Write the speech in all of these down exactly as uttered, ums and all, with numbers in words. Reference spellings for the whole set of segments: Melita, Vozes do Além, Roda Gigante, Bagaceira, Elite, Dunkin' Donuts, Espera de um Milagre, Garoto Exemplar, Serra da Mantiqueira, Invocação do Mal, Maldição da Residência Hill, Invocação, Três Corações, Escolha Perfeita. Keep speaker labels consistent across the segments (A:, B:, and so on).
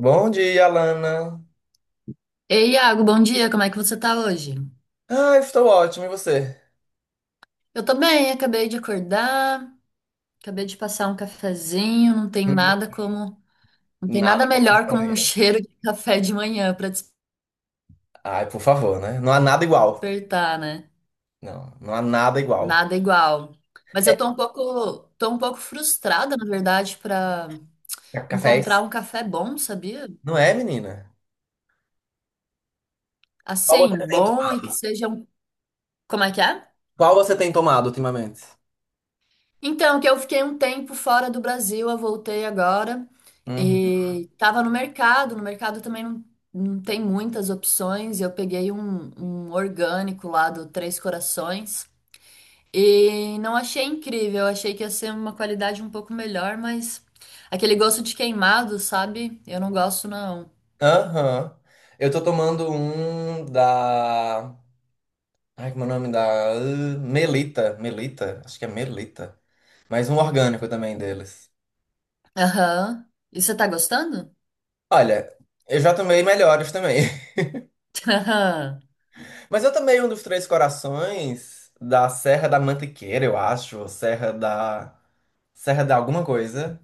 A: Bom dia, Alana.
B: Ei, Iago, bom dia, como é que você tá hoje?
A: Ah, eu estou ótimo, e você?
B: Eu tô bem, acabei de acordar, acabei de passar um cafezinho, não tem
A: Hum.
B: nada como, não tem
A: Nada
B: nada
A: como
B: melhor
A: café
B: como um
A: negro.
B: cheiro de café de manhã pra
A: Ai, por favor, né? Não há nada igual.
B: despertar, né?
A: Não, não há nada igual.
B: Nada igual. Mas eu tô um pouco, tô um pouco frustrada, na verdade, pra
A: É,
B: encontrar
A: cafés?
B: um café bom, sabia?
A: Não é, menina? Qual
B: Assim,
A: você tem
B: bom e
A: tomado,
B: que seja um, como é que é?
A: Qual você tem tomado ultimamente?
B: Então, que eu fiquei um tempo fora do Brasil, eu voltei agora
A: Uhum.
B: e tava no mercado. No mercado também não, não tem muitas opções. Eu peguei um, um orgânico lá do Três Corações e não achei incrível. Eu achei que ia ser uma qualidade um pouco melhor, mas aquele gosto de queimado, sabe? Eu não gosto, não.
A: Aham. Eu tô tomando um da. Ai, como é o nome da. Uh, Melita. Melita? Acho que é Melita. Mas um orgânico também deles.
B: Aham. E você tá gostando?
A: Olha, eu já tomei melhores também.
B: Aham.
A: Mas eu também, um dos Três Corações, da Serra da Mantiqueira, eu acho, ou Serra da... Serra da alguma coisa,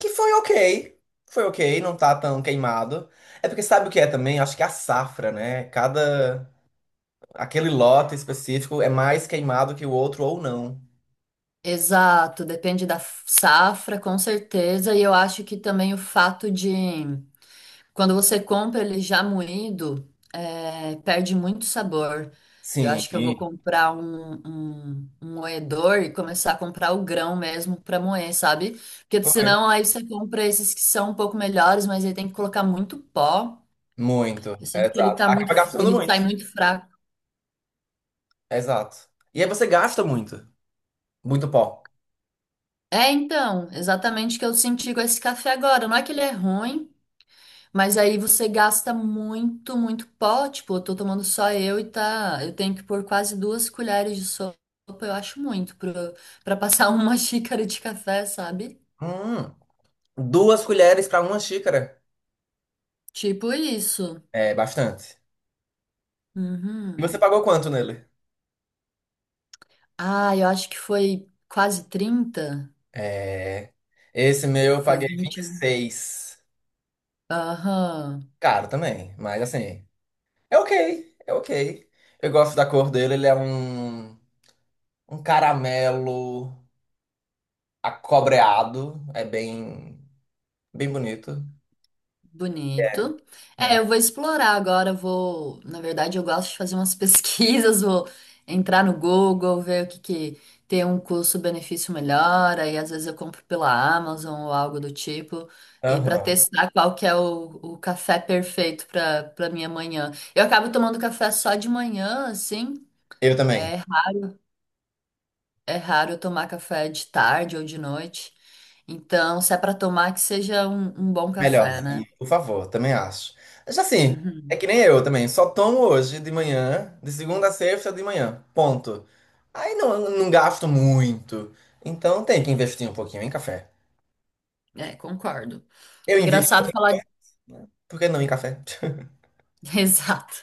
A: que foi ok, foi ok, não tá tão queimado. É porque sabe o que é também? Acho que é a safra, né? Cada... aquele lote específico é mais queimado que o outro ou não.
B: Exato, depende da safra, com certeza. E eu acho que também o fato de quando você compra ele já moído, é, perde muito sabor. Eu
A: Sim,
B: acho que eu vou comprar um, um, um moedor e começar a comprar o grão mesmo para moer, sabe? Porque
A: foi.
B: senão aí você compra esses que são um pouco melhores, mas aí tem que colocar muito pó.
A: Muito,
B: Eu
A: é,
B: sinto que ele
A: exato.
B: tá muito,
A: Acaba gastando
B: ele sai
A: muito.
B: muito fraco.
A: É, exato. E aí você gasta muito, muito pó.
B: É, então, exatamente o que eu senti com esse café agora. Não é que ele é ruim. Mas aí você gasta muito, muito pó. Tipo, eu tô tomando só eu e tá. Eu tenho que pôr quase duas colheres de sopa, eu acho muito, pro- pra passar uma xícara de café, sabe?
A: Hum, Duas colheres pra uma xícara.
B: Tipo isso.
A: É bastante. E
B: Uhum.
A: você pagou quanto nele?
B: Ah, eu acho que foi quase trinta.
A: É. Esse meu eu
B: Foi
A: paguei
B: vinte
A: vinte e
B: e um
A: seis
B: Aham.
A: Caro também, mas assim. É ok, é ok. Eu gosto da cor dele, ele é um, um caramelo acobreado. É bem, bem bonito. É.
B: Bonito. É,
A: Né?
B: eu vou explorar agora, eu vou, na verdade, eu gosto de fazer umas pesquisas, vou entrar no Google, ver o que que tem um custo-benefício melhor, aí às vezes eu compro pela Amazon ou algo do tipo, e para
A: Aham.
B: testar qual que é o, o café perfeito para para minha manhã. Eu acabo tomando café só de manhã, assim,
A: Eu também.
B: é, ra- é raro eu tomar café de tarde ou de noite. Então, se é para tomar, que seja um, um bom café, né?
A: Melhorzinho, por favor, também acho. Mas assim, é
B: Uhum.
A: que nem eu também, só tomo hoje de manhã, de segunda a sexta de manhã, ponto. Aí não, não gasto muito, então tem que investir um pouquinho em café.
B: É, concordo.
A: Eu invisto,
B: Engraçado falar.
A: por que não em café?
B: Exato.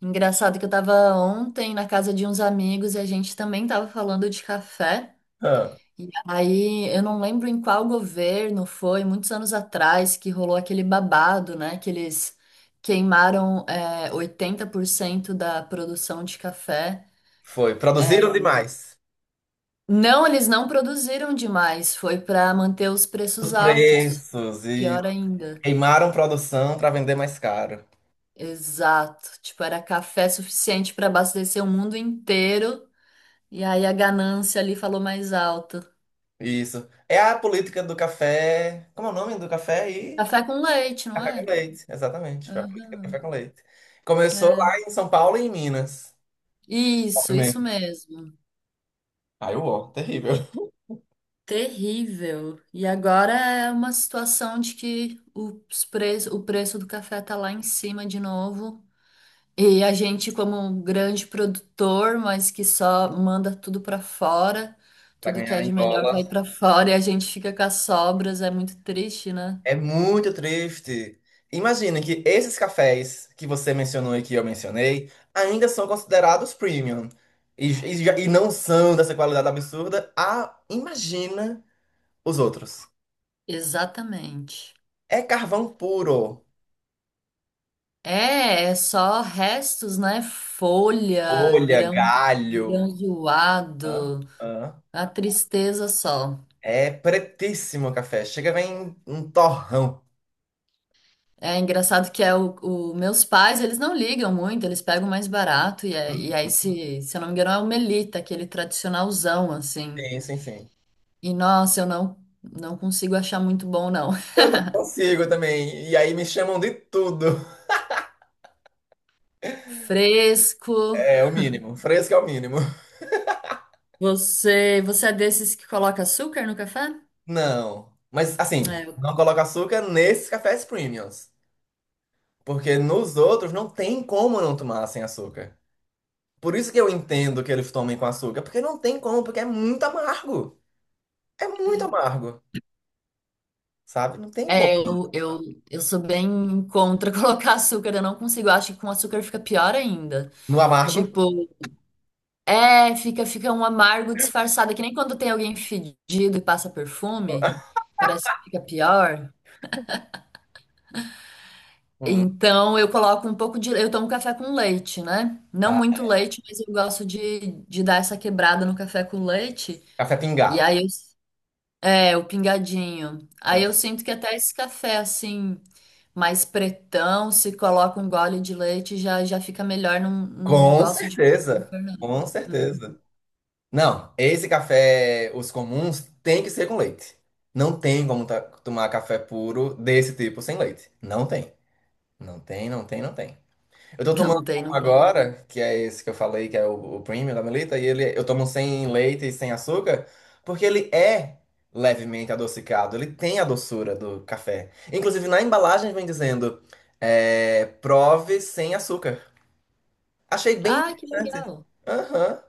B: Engraçado que eu tava ontem na casa de uns amigos e a gente também tava falando de café.
A: Ah,
B: E aí eu não lembro em qual governo foi, muitos anos atrás, que rolou aquele babado, né? Que eles queimaram é, oitenta por cento da produção de café.
A: foi, produziram
B: É,
A: demais.
B: não, eles não produziram demais, foi para manter os
A: Os
B: preços altos.
A: preços e
B: Pior ainda.
A: queimaram produção para vender mais caro.
B: Exato. Tipo, era café suficiente para abastecer o mundo inteiro. E aí a ganância ali falou mais alto.
A: Isso. É a política do café. Como é o nome do café?
B: Café com leite, não
A: Café com
B: era?
A: leite, exatamente. Foi a política do café
B: Aham.
A: com leite. Começou lá
B: É.
A: em São Paulo e em Minas.
B: Isso, isso
A: Primeiro.
B: mesmo.
A: Aí o ó, terrível.
B: Terrível. E agora é uma situação de que os preço, o preço do café tá lá em cima de novo. E a gente, como um grande produtor, mas que só manda tudo para fora,
A: Pra
B: tudo que é
A: ganhar em
B: de melhor vai
A: dólar.
B: para fora e a gente fica com as sobras, é muito triste, né?
A: É muito triste. Imagina que esses cafés que você mencionou e que eu mencionei ainda são considerados premium. E, e, já- e não são dessa qualidade absurda. Ah, imagina os outros.
B: Exatamente.
A: É carvão puro.
B: É, é só restos, né? Folha,
A: Folha,
B: grão, grão
A: galho. Hã?
B: zoado,
A: Hã?
B: a tristeza só.
A: É pretíssimo o café. Chega, vem um torrão.
B: É engraçado que é o, o- meus pais, eles não ligam muito, eles pegam mais barato e, é- e aí se, se eu não me engano é o Melita, aquele tradicionalzão assim.
A: Sim, sim, sim.
B: E nossa, eu não não consigo achar muito bom não.
A: Eu não consigo também. E aí me chamam de tudo.
B: Fresco.
A: É o mínimo. Fresco é o mínimo.
B: Você, você é desses que coloca açúcar no café?
A: Não. Mas assim,
B: É,
A: não coloco açúcar nesses cafés premiums. Porque nos outros não tem como não tomar sem açúcar. Por isso que eu entendo que eles tomem com açúcar. Porque não tem como, porque é muito amargo. É muito amargo. Sabe? Não tem como.
B: é, eu, eu, eu sou bem contra colocar açúcar, eu não consigo. Eu acho que com açúcar fica pior ainda.
A: No amargo,
B: Tipo, é, fica, fica um amargo disfarçado, é que nem quando tem alguém fedido e passa perfume, parece que fica pior.
A: hum,
B: Então eu coloco um pouco de. Eu tomo café com leite, né? Não
A: tá.
B: muito leite, mas eu gosto de, de dar essa quebrada no café com leite.
A: Café
B: E
A: pingado.
B: aí eu. É, o pingadinho. Aí
A: É.
B: eu sinto que até esse café, assim, mais pretão, se coloca um gole de leite, já, já fica melhor, não, não
A: Com
B: gosto de pôr
A: certeza.
B: açúcar, não.
A: Com certeza.
B: Uhum.
A: Não, esse café, os comuns, tem que ser com leite. Não tem como ta- tomar café puro desse tipo sem leite. Não tem. Não tem, não tem, não tem. Eu tô tomando
B: Não tem,
A: um
B: não tem.
A: agora, que é esse que eu falei, que é o, o, premium da Melita, e ele, eu tomo sem leite e sem açúcar, porque ele é levemente adocicado. Ele tem a doçura do café. Inclusive, na embalagem vem dizendo, é, prove sem açúcar. Achei bem
B: Ah, que
A: interessante.
B: legal.
A: Aham.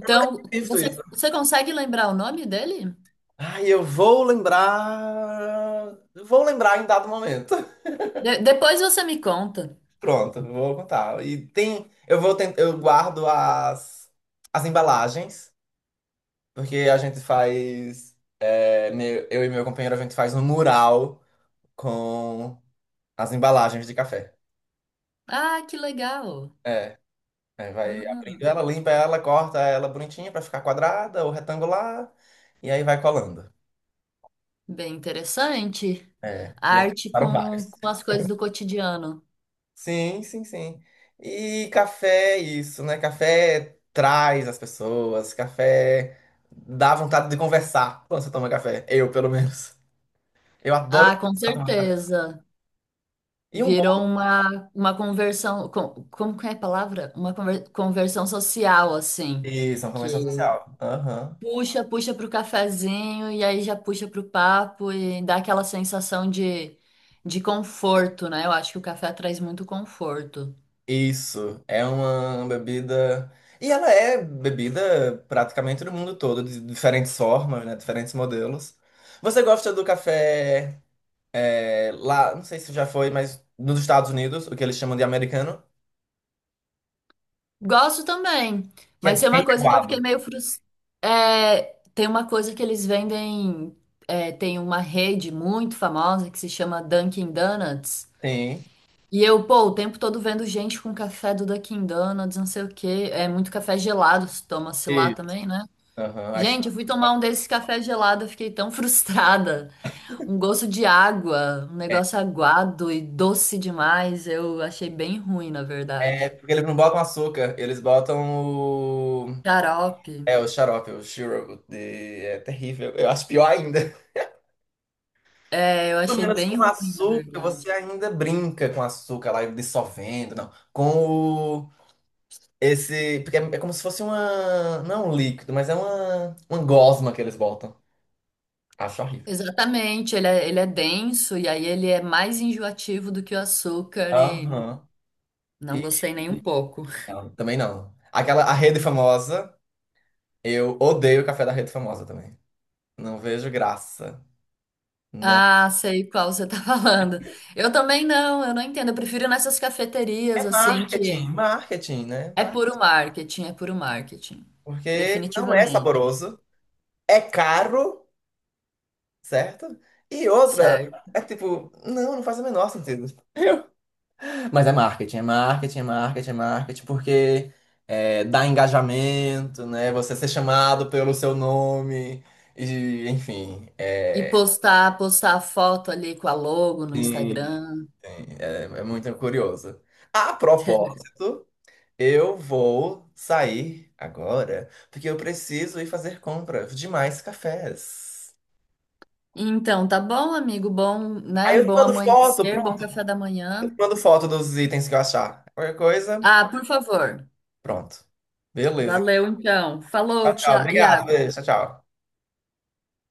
A: Eu nunca tinha visto
B: você,
A: isso.
B: você consegue lembrar o nome dele?
A: Ai, eu vou lembrar. Eu vou lembrar em dado momento.
B: De- depois você me conta.
A: Pronto, vou contar. E tem. Eu vou tentar. Eu guardo as, as embalagens, porque a gente faz. É, meu- eu e meu companheiro, a gente faz um mural com as embalagens de café.
B: Ah, que legal.
A: É. Aí vai abrindo
B: Uhum.
A: ela, limpa ela, corta ela bonitinha pra ficar quadrada ou retangular. E aí vai colando.
B: Bem interessante.
A: É. E aí
B: Arte
A: ficaram vários.
B: com, com as coisas do cotidiano.
A: Sim, sim, sim. E café, é isso, né? Café traz as pessoas, café dá vontade de conversar quando você toma café. Eu, pelo menos. Eu adoro
B: Ah, com
A: conversar, tomar café.
B: certeza.
A: E um bom.
B: Virou uma, uma conversão, com- como que é a palavra? Uma conver- conversão social, assim,
A: Isso, é uma convenção
B: que
A: social. Aham.
B: puxa, puxa para o cafezinho e aí já puxa para o papo e dá aquela sensação de, de conforto, né? Eu acho que o café traz muito conforto.
A: Isso, é uma bebida. E ela é bebida praticamente do mundo todo, de diferentes formas, né? Diferentes modelos. Você gosta do café é, lá, não sei se já foi, mas nos Estados Unidos, o que eles chamam de americano?
B: Gosto também,
A: Que
B: mas
A: é
B: tem
A: bem
B: uma coisa que eu
A: aguado.
B: fiquei meio frustrada. Tem uma coisa que eles vendem, é, tem uma rede muito famosa que se chama Dunkin' Donuts.
A: Sim.
B: E eu, pô, o tempo todo vendo gente com café do Dunkin' Donuts, não sei o quê. É muito café gelado, se toma-se lá
A: Isso.
B: também, né?
A: Aham. Acho-
B: Gente, eu fui tomar um desses café gelado, eu fiquei tão frustrada. Um gosto de água, um
A: é.
B: negócio aguado e doce demais. Eu achei bem ruim, na
A: É
B: verdade.
A: porque eles não botam açúcar, eles botam o.
B: Xarope.
A: É, o xarope, o shiro. de- É terrível. Eu acho pior ainda.
B: É, eu
A: Pelo
B: achei
A: menos
B: bem
A: com
B: ruim, na
A: açúcar,
B: verdade.
A: você ainda brinca com açúcar lá dissolvendo, não. Com o. Esse. Porque é, é, como se fosse uma. Não é um líquido, mas é uma. Uma gosma que eles botam. Acho horrível.
B: Exatamente, ele é, ele é denso e aí ele é mais enjoativo do que o açúcar e
A: Aham.
B: não
A: E.
B: gostei nem um pouco.
A: Não, também não. Aquela. A rede famosa. Eu odeio o café da rede famosa também. Não vejo graça. Não.
B: Ah, sei qual você tá falando. Eu também não, eu não entendo. Eu prefiro nessas cafeterias,
A: É
B: assim,
A: marketing,
B: que
A: marketing, né?
B: é
A: Mar-
B: puro marketing, é puro marketing.
A: porque não é
B: Definitivamente,
A: saboroso, é caro, certo? E outra,
B: certo?
A: é tipo, não, não faz o menor sentido. Eu- mas é marketing, é marketing, é marketing, é marketing, porque é, dá engajamento, né? Você ser chamado pelo seu nome, e, enfim,
B: E
A: é,
B: postar, postar a foto ali com a logo no
A: sim, sim,
B: Instagram.
A: é, é, muito curioso. A propósito. Eu vou sair agora, porque eu preciso ir fazer compra de mais cafés.
B: Então, tá bom, amigo? Bom,
A: Aí
B: né?
A: eu te
B: Bom
A: mando foto,
B: amanhecer, bom
A: pronto.
B: café da
A: Eu te
B: manhã.
A: mando foto dos itens que eu achar. Qualquer coisa,
B: Ah, por favor.
A: pronto. Beleza.
B: Valeu, então.
A: Tchau,
B: Falou,
A: tchau.
B: Tia-
A: Obrigado.
B: Iago.
A: Beijo. Tchau, tchau.